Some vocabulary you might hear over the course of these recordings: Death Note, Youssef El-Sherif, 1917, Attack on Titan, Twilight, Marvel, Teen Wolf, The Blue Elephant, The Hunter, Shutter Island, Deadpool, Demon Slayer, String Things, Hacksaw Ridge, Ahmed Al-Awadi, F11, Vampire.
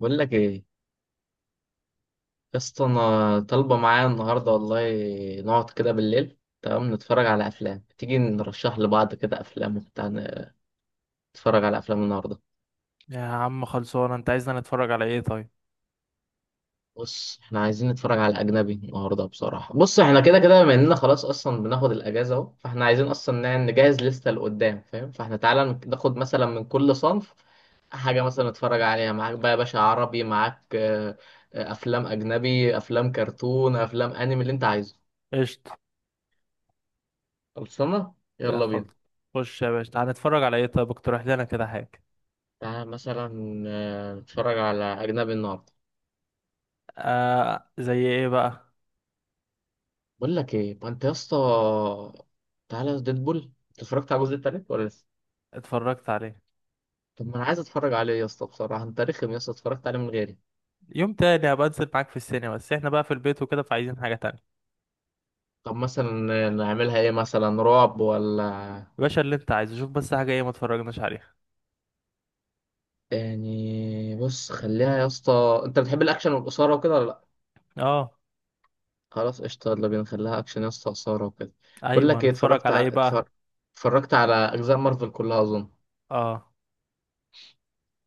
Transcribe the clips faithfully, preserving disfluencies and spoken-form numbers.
بقول لك ايه يا اسطى، انا طالبه معايا النهارده والله. نقعد كده بالليل، تمام؟ نتفرج على افلام، تيجي نرشح لبعض كده افلام وبتاع، نتفرج على افلام النهارده. يا عم خلصونا، انت عايزنا نتفرج على ايه طيب؟ بص، احنا عايزين نتفرج على اجنبي النهارده بصراحه. بص، احنا كده كده بما اننا خلاص اصلا بناخد الاجازه اهو، فاحنا عايزين اصلا نع- نجهز لسته لقدام، فاهم؟ فاحنا تعالى ناخد مثلا من كل صنف حاجه مثلا نتفرج عليها. معاك بقى يا باشا، عربي معاك، آه، آه، افلام اجنبي، افلام كرتون، افلام انمي، اللي انت عايزه. قشطة. خلصانه، يا يلا خلص. بينا. خش يا باشا، تعال نتفرج على ايه طيب؟ اقترح لنا كده حاجة. تعالى مثلا آه، نتفرج على أجنبي النهاردة. آه، زي ايه بقى؟ بقول لك إيه، ما أنت يا اسطى تعالى ديدبول. أنت اتفرجت على الجزء التالت ولا لسه؟ اتفرجت عليه. طب ما أنا عايز أتفرج عليه يا اسطى، بصراحة أنت رخم يا اسطى، اتفرجت عليه من غيري. يوم تاني هبقى انزل معاك في السينما، بس احنا بقى في البيت وكده، فعايزين حاجة تانية. طب مثلا آه، نعملها إيه؟ مثلا رعب ولا؟ يا باشا اللي انت عايزه، شوف بس حاجة ايه ما اتفرجناش عليها. يعني بص، خليها يا اسطى، أنت بتحب الأكشن والإثارة وكده ولا لأ؟ اه، خلاص قشطة، يلا بينا نخليها أكشن يا اسطى، إثارة وكده. بقول ايوه، لك إيه، نتفرج اتفرجت على على ايه اتفر- بقى؟ اتفرجت على أجزاء مارفل كلها أظن. اه،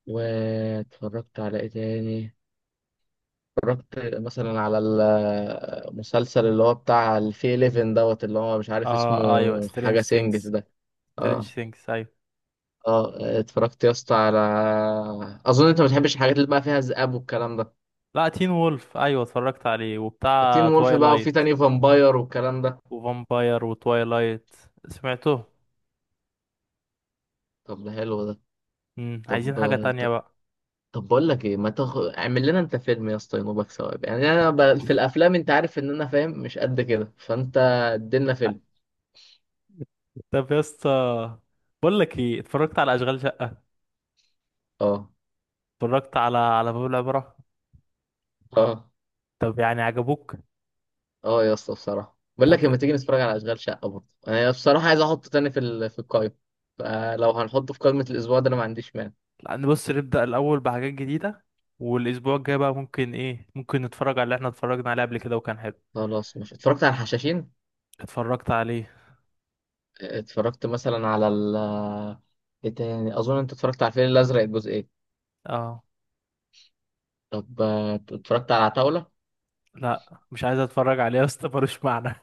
واتفرجت على إيه تاني؟ اتفرجت مثلا على المسلسل اللي هو بتاع الفي أحد عشر دوت، اللي هو مش عارف اسمه. اه، ايوه، سترينج حاجة سينجز ثينجز. ده. سترينج اه. ثينجز، ايوه. اه. اتفرجت يا اسطى على، اظن انت ما بتحبش الحاجات اللي بقى فيها ذئاب والكلام ده. لا، تين وولف، ايوه، اتفرجت عليه، تين وبتاع وولف بقى، وفي توايلايت. تاني فامباير والكلام ده. وفامباير وتوايلايت. سمعته. طب ده حلو ده. امم طب عايزين حاجة تانية طب, بقى. طب بقول لك ايه، ما تخ... اعمل لنا انت فيلم يا اسطى ينوبك ثواب. يعني انا ب... في الافلام انت عارف ان انا فاهم مش قد كده، فانت ادينا فيلم. طب يا اسطى، بقول لك ايه، اتفرجت على اشغال شقة؟ اه. اتفرجت على على باب العبرة؟ اه. طب يعني عجبوك؟ اه يا اسطى بصراحه بقول طب لك، لما تيجي نتفرج على اشغال شقه، برضه انا بصراحه عايز احطه تاني في ال... في القائمه. فلو هنحطه في قائمه الاسبوع ده انا ما عنديش مانع. نبص نبدأ الاول بحاجات جديدة. والاسبوع الجاي بقى ممكن ايه، ممكن نتفرج على اللي احنا اتفرجنا عليه قبل كده وكان حلو. خلاص، مش اتفرجت على الحشاشين. اتفرجت عليه. اتفرجت مثلا على ال، ايه تاني؟ اظن انت اتفرجت على الفيل الازرق الجزئين. اه، طب آه، اتفرجت على عتاوله. لا، مش عايز اتفرج عليه يا اسطى، ملوش معنى.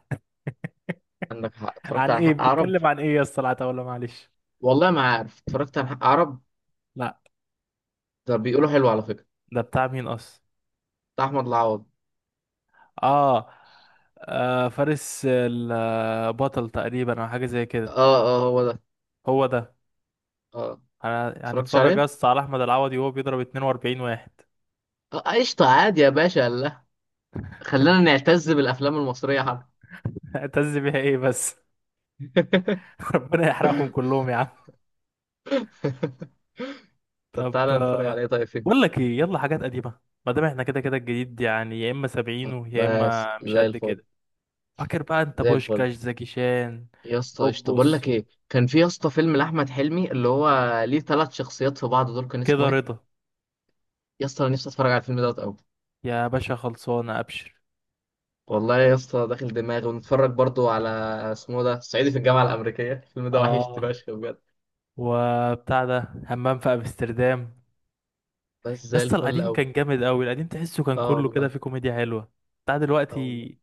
عندك حق. اتفرجت عن على ايه حق عرب. بيتكلم، عن ايه يا اسطى؟ لا، ولا معلش. والله ما عارف، اتفرجت على حق عرب. لا. ده بيقولوا حلو على فكره. ده بتاع مين اصلا؟ بتاع احمد العوضي. اه. آه، فارس البطل تقريبا او حاجة زي كده. اه. اه هو ده. هو ده. اه انا اتفرجتش هنتفرج عليه. بس على احمد العوضي وهو بيضرب اتنين واربعين واحد. آه، قشطه عادي يا باشا، لا. خلينا نعتز بالافلام المصريه حب. هتز بيها ايه بس؟ ربنا يحرقهم كلهم يا عم. طب طب. تعالى نتفرج عليه آه، طيب، بقول فين؟ لك ايه، يلا حاجات قديمه. ما دام احنا كده كده الجديد يعني يا اما طب سبعينه يا بس اما مش زي قد الفل. كده. فاكر بقى انت زي الفل بوشكاش زكي شان؟ يا اسطى قشطة. بقول لك بوبوس. ايه، كان في يا اسطى فيلم لأحمد حلمي اللي هو ليه ثلاث شخصيات في بعض دول، كان اسمه كده ايه؟ رضا. يا اسطى انا نفسي اتفرج على الفيلم دوت قوي. يا باشا خلصانه، ابشر. والله يا اسطى داخل دماغي، ونتفرج برضو على، اسمه ده صعيدي في الجامعة الأمريكية. الفيلم ده وحشتني اه، فشخ بجد. وبتاع ده همام في امستردام. بس زي يسطا الفل القديم قوي. كان جامد قوي، القديم تحسه كان اه كله كده والله. في كوميديا حلوه. بتاع اه والله. دلوقتي.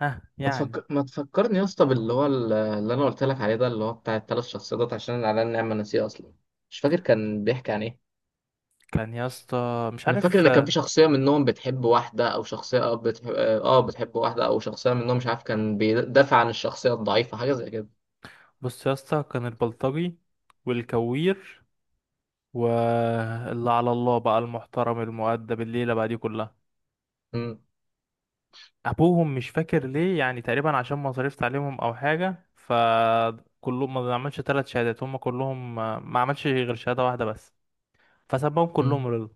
ها ما يعني. تفكر، ما تفكرني يا اسطى باللي هو ال- اللي انا قلت لك عليه ده، اللي هو بتاع الثلاث شخصيات، عشان انا على النعمه ناسيه اصلا. مش فاكر كان بيحكي عن ايه. كان يا اسطى مش انا فاكر عارف. ان كان في شخصيه منهم بتحب واحده، او شخصيه اه بتحب اه آه، بتحب واحده، او شخصيه منهم مش عارف، كان بيدافع عن الشخصيه الضعيفه حاجه زي كده. بص يا اسطى، كان البلطجي، والكوير، واللي على الله بقى المحترم المؤدب، الليلة بقى دي كلها. امم. أبوهم مش فاكر ليه، يعني تقريبا عشان مصاريف تعليمهم أو حاجة، فكلهم ما عملش ثلاث شهادات، هم كلهم ما عملش غير شهادة واحدة بس. فسبهم كلهم امم. رضا.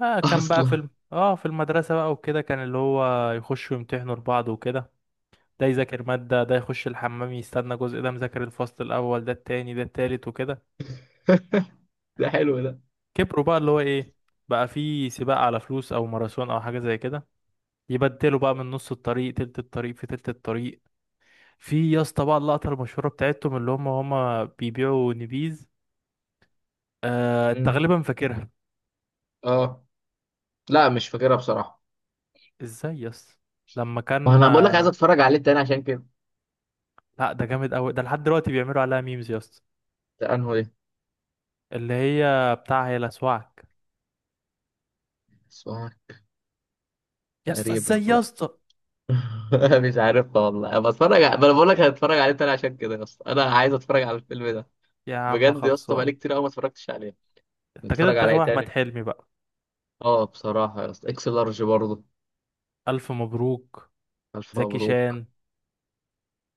آه، كان بقى اصلا. في الم... اه في المدرسة بقى وكده، كان اللي هو يخشوا يمتحنوا لبعض وكده. ده يذاكر مادة، ده يخش الحمام يستنى جزء، ده مذاكر الفصل الأول، ده التاني، ده التالت وكده. ده حلو ده. كبروا بقى اللي هو ايه، بقى في سباق على فلوس او ماراثون او حاجه زي كده. يبدلوا بقى من نص الطريق، تلت الطريق، في تلت الطريق. في يا اسطى بقى اللقطه المشهوره بتاعتهم، اللي هم هم بيبيعوا نبيذ. آه امم. تقريبا فاكرها. اه. لا مش فاكرها بصراحه. ازاي يا اسطى؟ لما كان وانا بقول لك عايز آه، اتفرج عليه تاني عشان كده. لا، ده جامد قوي، ده لحد دلوقتي بيعملوا عليها ميمز يا اسطى. ده انهو ده؟ اللي هي بتاع هي لسواك. اسمها، يا اسطى تقريبا ازاي يا لا. اسطى؟ مش عارف والله. انا بتفرج ع- ما انا بقول لك، هتفرج عليه تاني عشان كده يا اسطى، انا عايز اتفرج على الفيلم ده. يا عم بجد يا اسطى، خلصان. بقالي كتير قوي ما اتفرجتش عليه. انت كده نتفرج انت على ايه غاوي احمد تاني؟ حلمي بقى. اه بصراحه يا اسطى اكس لارج برضه. الف مبروك. الف زكي مبروك. شان.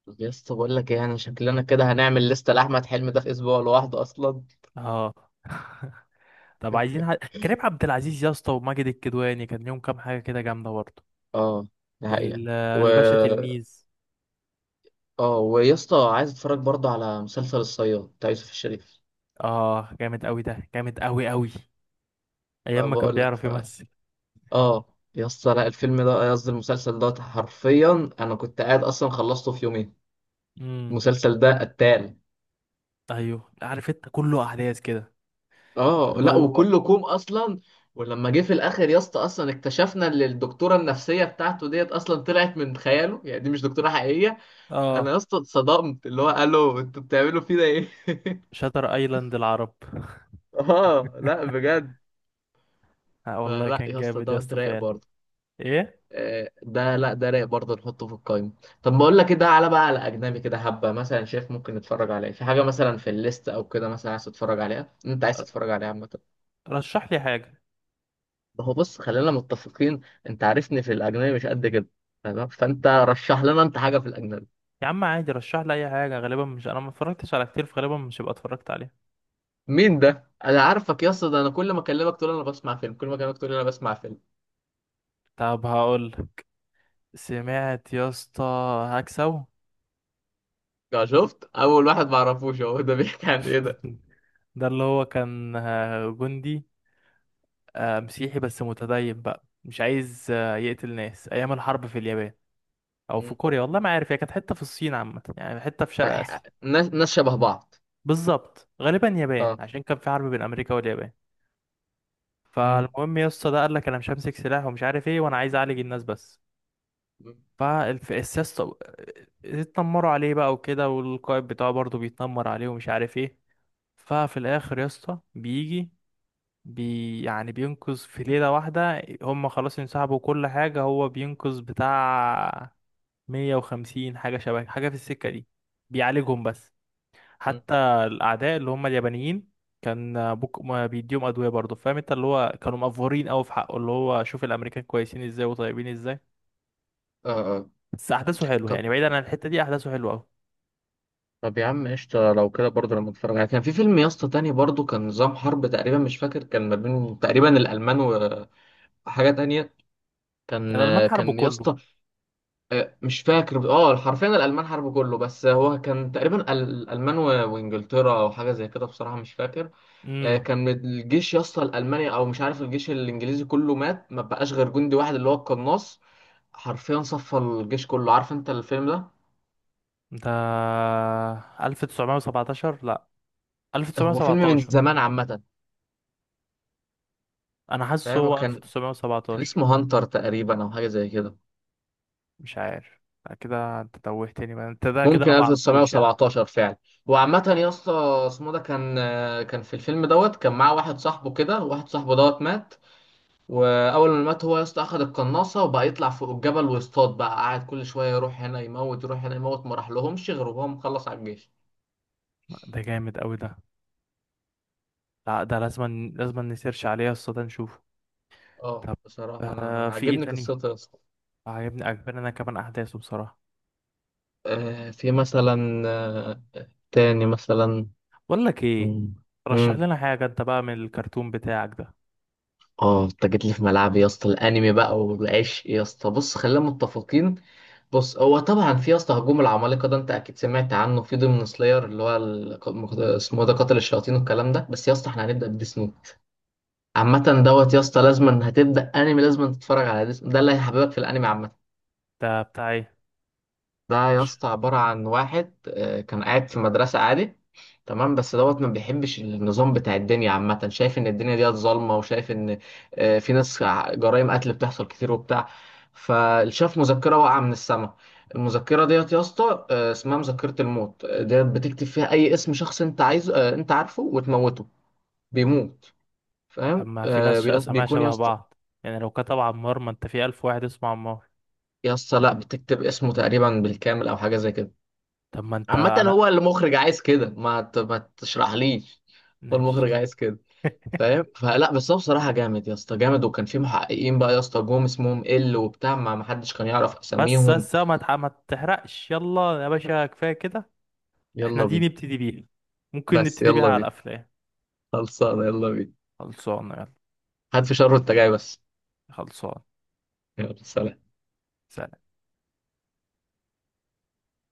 طب يا اسطى بقول لك ايه، انا شكلنا كده هنعمل لسته لاحمد حلمي ده في اسبوع لوحده اصلا. اه. طب عايزين ح... كريم عبد العزيز يا اسطى وماجد الكدواني، كان ليهم كام حاجه كده جامده برضه. اه. ده حقيقه. ال- و، الباشا تلميذ. اه، ويا اسطى عايز اتفرج برضه على مسلسل الصياد بتاع يوسف الشريف. اه، جامد قوي ده، جامد قوي قوي. ما ايام ما كان بقول لك. بيعرف يمثل. اه يا اسطى لا الفيلم ده قصدي المسلسل ده، حرفيا انا كنت قاعد اصلا خلصته في يومين. امم. المسلسل ده قتال. ايوه عارف، انت كله احداث كده. مش اه اللي لا هو. وكله كوم اصلا. ولما جه في الاخر يا اسطى اصلا اكتشفنا ان الدكتوره النفسيه بتاعته ديت اصلا طلعت من خياله، يعني دي مش دكتوره حقيقيه. اه، انا يا اسطى اتصدمت اللي هو الو انتوا بتعملوا فينا ايه. شاتر ايلاند العرب. اه لا بجد. آه والله، فلا كان يا اسطى جامد يا ده اسطى رايق فعلا. برضه. ايه؟ آه، ده لا ده رايق برضه، نحطه في القايمة. طب بقول لك كده على بقى، على أجنبي كده، حبة مثلا شايف ممكن نتفرج عليه، في حاجة مثلا في الليست أو كده مثلا عايز تتفرج عليها، أنت عايز تتفرج عليها عامة. رشح لي حاجه. ما هو بص خلينا متفقين، أنت عارفني في الأجنبي مش قد كده، تمام؟ فأنت رشح لنا أنت حاجة في الأجنبي. يا عم عادي، رشح لي اي حاجه، غالبا مش، انا ما اتفرجتش على كتير، فغالبا مش هبقى اتفرجت عليها. مين ده؟ أنا عارفك يا اسطى، ده أنا كل ما أكلمك تقول أنا بسمع فيلم، كل ما أكلمك تقول أنا بسمع فيلم. طب هقول. سمعت يا اسطى هكسو؟ ده شفت أول واحد ما أعرفوش هو، ده بيحكي عن إيه ده؟ ده اللي هو كان آه، جندي آه، مسيحي بس متدين بقى، مش عايز آه، يقتل ناس ايام الحرب في اليابان، او في مم. كوريا، والله ما عارف، هي كانت حته في الصين عامه، يعني حته في شرق أح- اسيا. ناس ناس شبه بعض. بالظبط غالبا يابان، أه. عشان كان في حرب بين امريكا واليابان. مم. فالمهم يا اسطى، ده قال لك انا مش همسك سلاح ومش عارف ايه، وانا عايز اعالج الناس بس. مم. فالسياسة اتنمروا عليه بقى وكده، والقائد بتاعه برضه بيتنمر عليه ومش عارف ايه. ففي الاخر يا اسطى بيجي بي يعني بينقذ في ليلة واحدة. هم خلاص انسحبوا كل حاجة، هو بينقذ بتاع مية وخمسين حاجة شبه حاجة في السكة دي. بيعالجهم بس. مم. حتى الأعداء اللي هم اليابانيين، كان بوك ما بيديهم أدوية برضه، فاهم انت، اللي هو كانوا مأفورين أوي في حقه، اللي هو شوف الأمريكان كويسين ازاي وطيبين ازاي. اه. آه. بس أحداثه حلوة، طب، يعني بعيدا عن الحتة دي أحداثه حلوة أوي. طب يا عم قشطة، لو كده برضه لما اتفرج عليه، كان في فيلم يا اسطى تاني برضه، كان نظام حرب تقريبا، مش فاكر، كان ما بين تقريبا الألمان و- وحاجة تانية. كان يعني الألمان حاربوا كان يا كله. اسطى آه، مش فاكر، اه حرفيا الألمان حرب كله، بس هو كان تقريبا ال- الألمان و- وإنجلترا أو حاجة زي كده بصراحة مش فاكر. آه، امم. كان الجيش يا اسطى الألماني، أو مش عارف الجيش الإنجليزي، كله مات، ما بقاش غير جندي واحد اللي هو القناص. حرفيا صفى الجيش كله. عارف أنت الفيلم ده؟ ده ألف وتسعمية وسبعتاشر؟ لا. هو فيلم من ألف وتسعمية وسبعتاشر. زمان عامة. انا حاسس فاهم هو كان، كان ألف وتسعمية وسبعتاشر. اسمه هانتر تقريبا او حاجه زي كده. مش عارف. لا كده انت توهتني بقى، انت ده كده ممكن انا ما اعرفوش يعني. ألف وتسعمية وسبعتاشر فعلا. وعامة يا اسطى اسمه ده كان، كان في الفيلم دوت كان معاه واحد صاحبه كده، واحد صاحبه دوت مات. واول ما مات هو يا اسطى اخد القناصه وبقى يطلع فوق الجبل ويصطاد بقى، قاعد كل شويه يروح هنا يموت، يروح هنا يموت، ما راح لهمش غير وهو مخلص على الجيش. ده جامد قوي ده. لا ده لازم لازم نسيرش عليه يا اسطى، ده نشوفه. اه طب. بصراحه انا آه في ايه عاجبني تاني؟ قصته يا اسطى. عجبني، عجبني انا كمان احداثه بصراحة. آه في مثلا آه، تاني مثلا. بقول لك ايه، مم. رشح مم. لنا حاجة انت بقى من الكرتون بتاعك ده. اه انت جيت لي في ملعبي يا اسطى، الانمي بقى والعشق يا اسطى، بص خلينا متفقين. بص هو طبعا في يا اسطى هجوم العمالقه ده انت اكيد سمعت عنه، في ضمن سلاير اللي هو ال- مخ- اسمه إيه ده، قاتل الشياطين والكلام ده، بس يا اسطى احنا هنبدا بديس نوت. عامه دوت يا اسطى لازما هتبدا انمي لازما تتفرج على ديس ده اللي هيحببك في الانمي عامه. ده بتاع ايه؟ ده يا عش- اسطى عبارة عن واحد آه، كان قاعد في مدرسة عادي. تمام بس دوت ما بيحبش النظام بتاع الدنيا عامة، شايف إن الدنيا ديت ظالمة، وشايف إن آه، في ناس ع- جرائم قتل بتحصل كتير وبتاع. فشاف مذكرة واقعة من السماء. المذكرة ديت يا اسطى آه، اسمها مذكرة الموت. آه، ديت بتكتب فيها أي اسم شخص أنت عايزه، آه، أنت عارفه، وتموته. بيموت. طب فاهم؟ ما في آه، ناس ش- بيقص- اساميها بيكون يا شبه اسطى. بعض، يعني لو كتب عمار، ما انت في الف واحد اسمه عمار. يا اسطى لا بتكتب اسمه تقريبا بالكامل أو حاجة زي كده. طب ما انت عامة انا. هو المخرج عايز كده، ما ت- ما تشرحليش. هو ماشي. المخرج عايز كده. فاهم؟ فلا بس هو بصراحة جامد يا اسطى، جامد. وكان في محققين بقى يا اسطى جم اسمهم ال وبتاع، ما ما حدش كان يعرف بس اساميهم. بس، ما تح- ما تحرقش، يلا يا باشا كفايه كده. احنا يلا دي بينا. نبتدي بيها. ممكن بس نبتدي بيها يلا على بينا. الافلام. خلصانة يلا بينا. خلصانه يلا. هات في شر وانت جاي بس. خلصان. يلا سلام.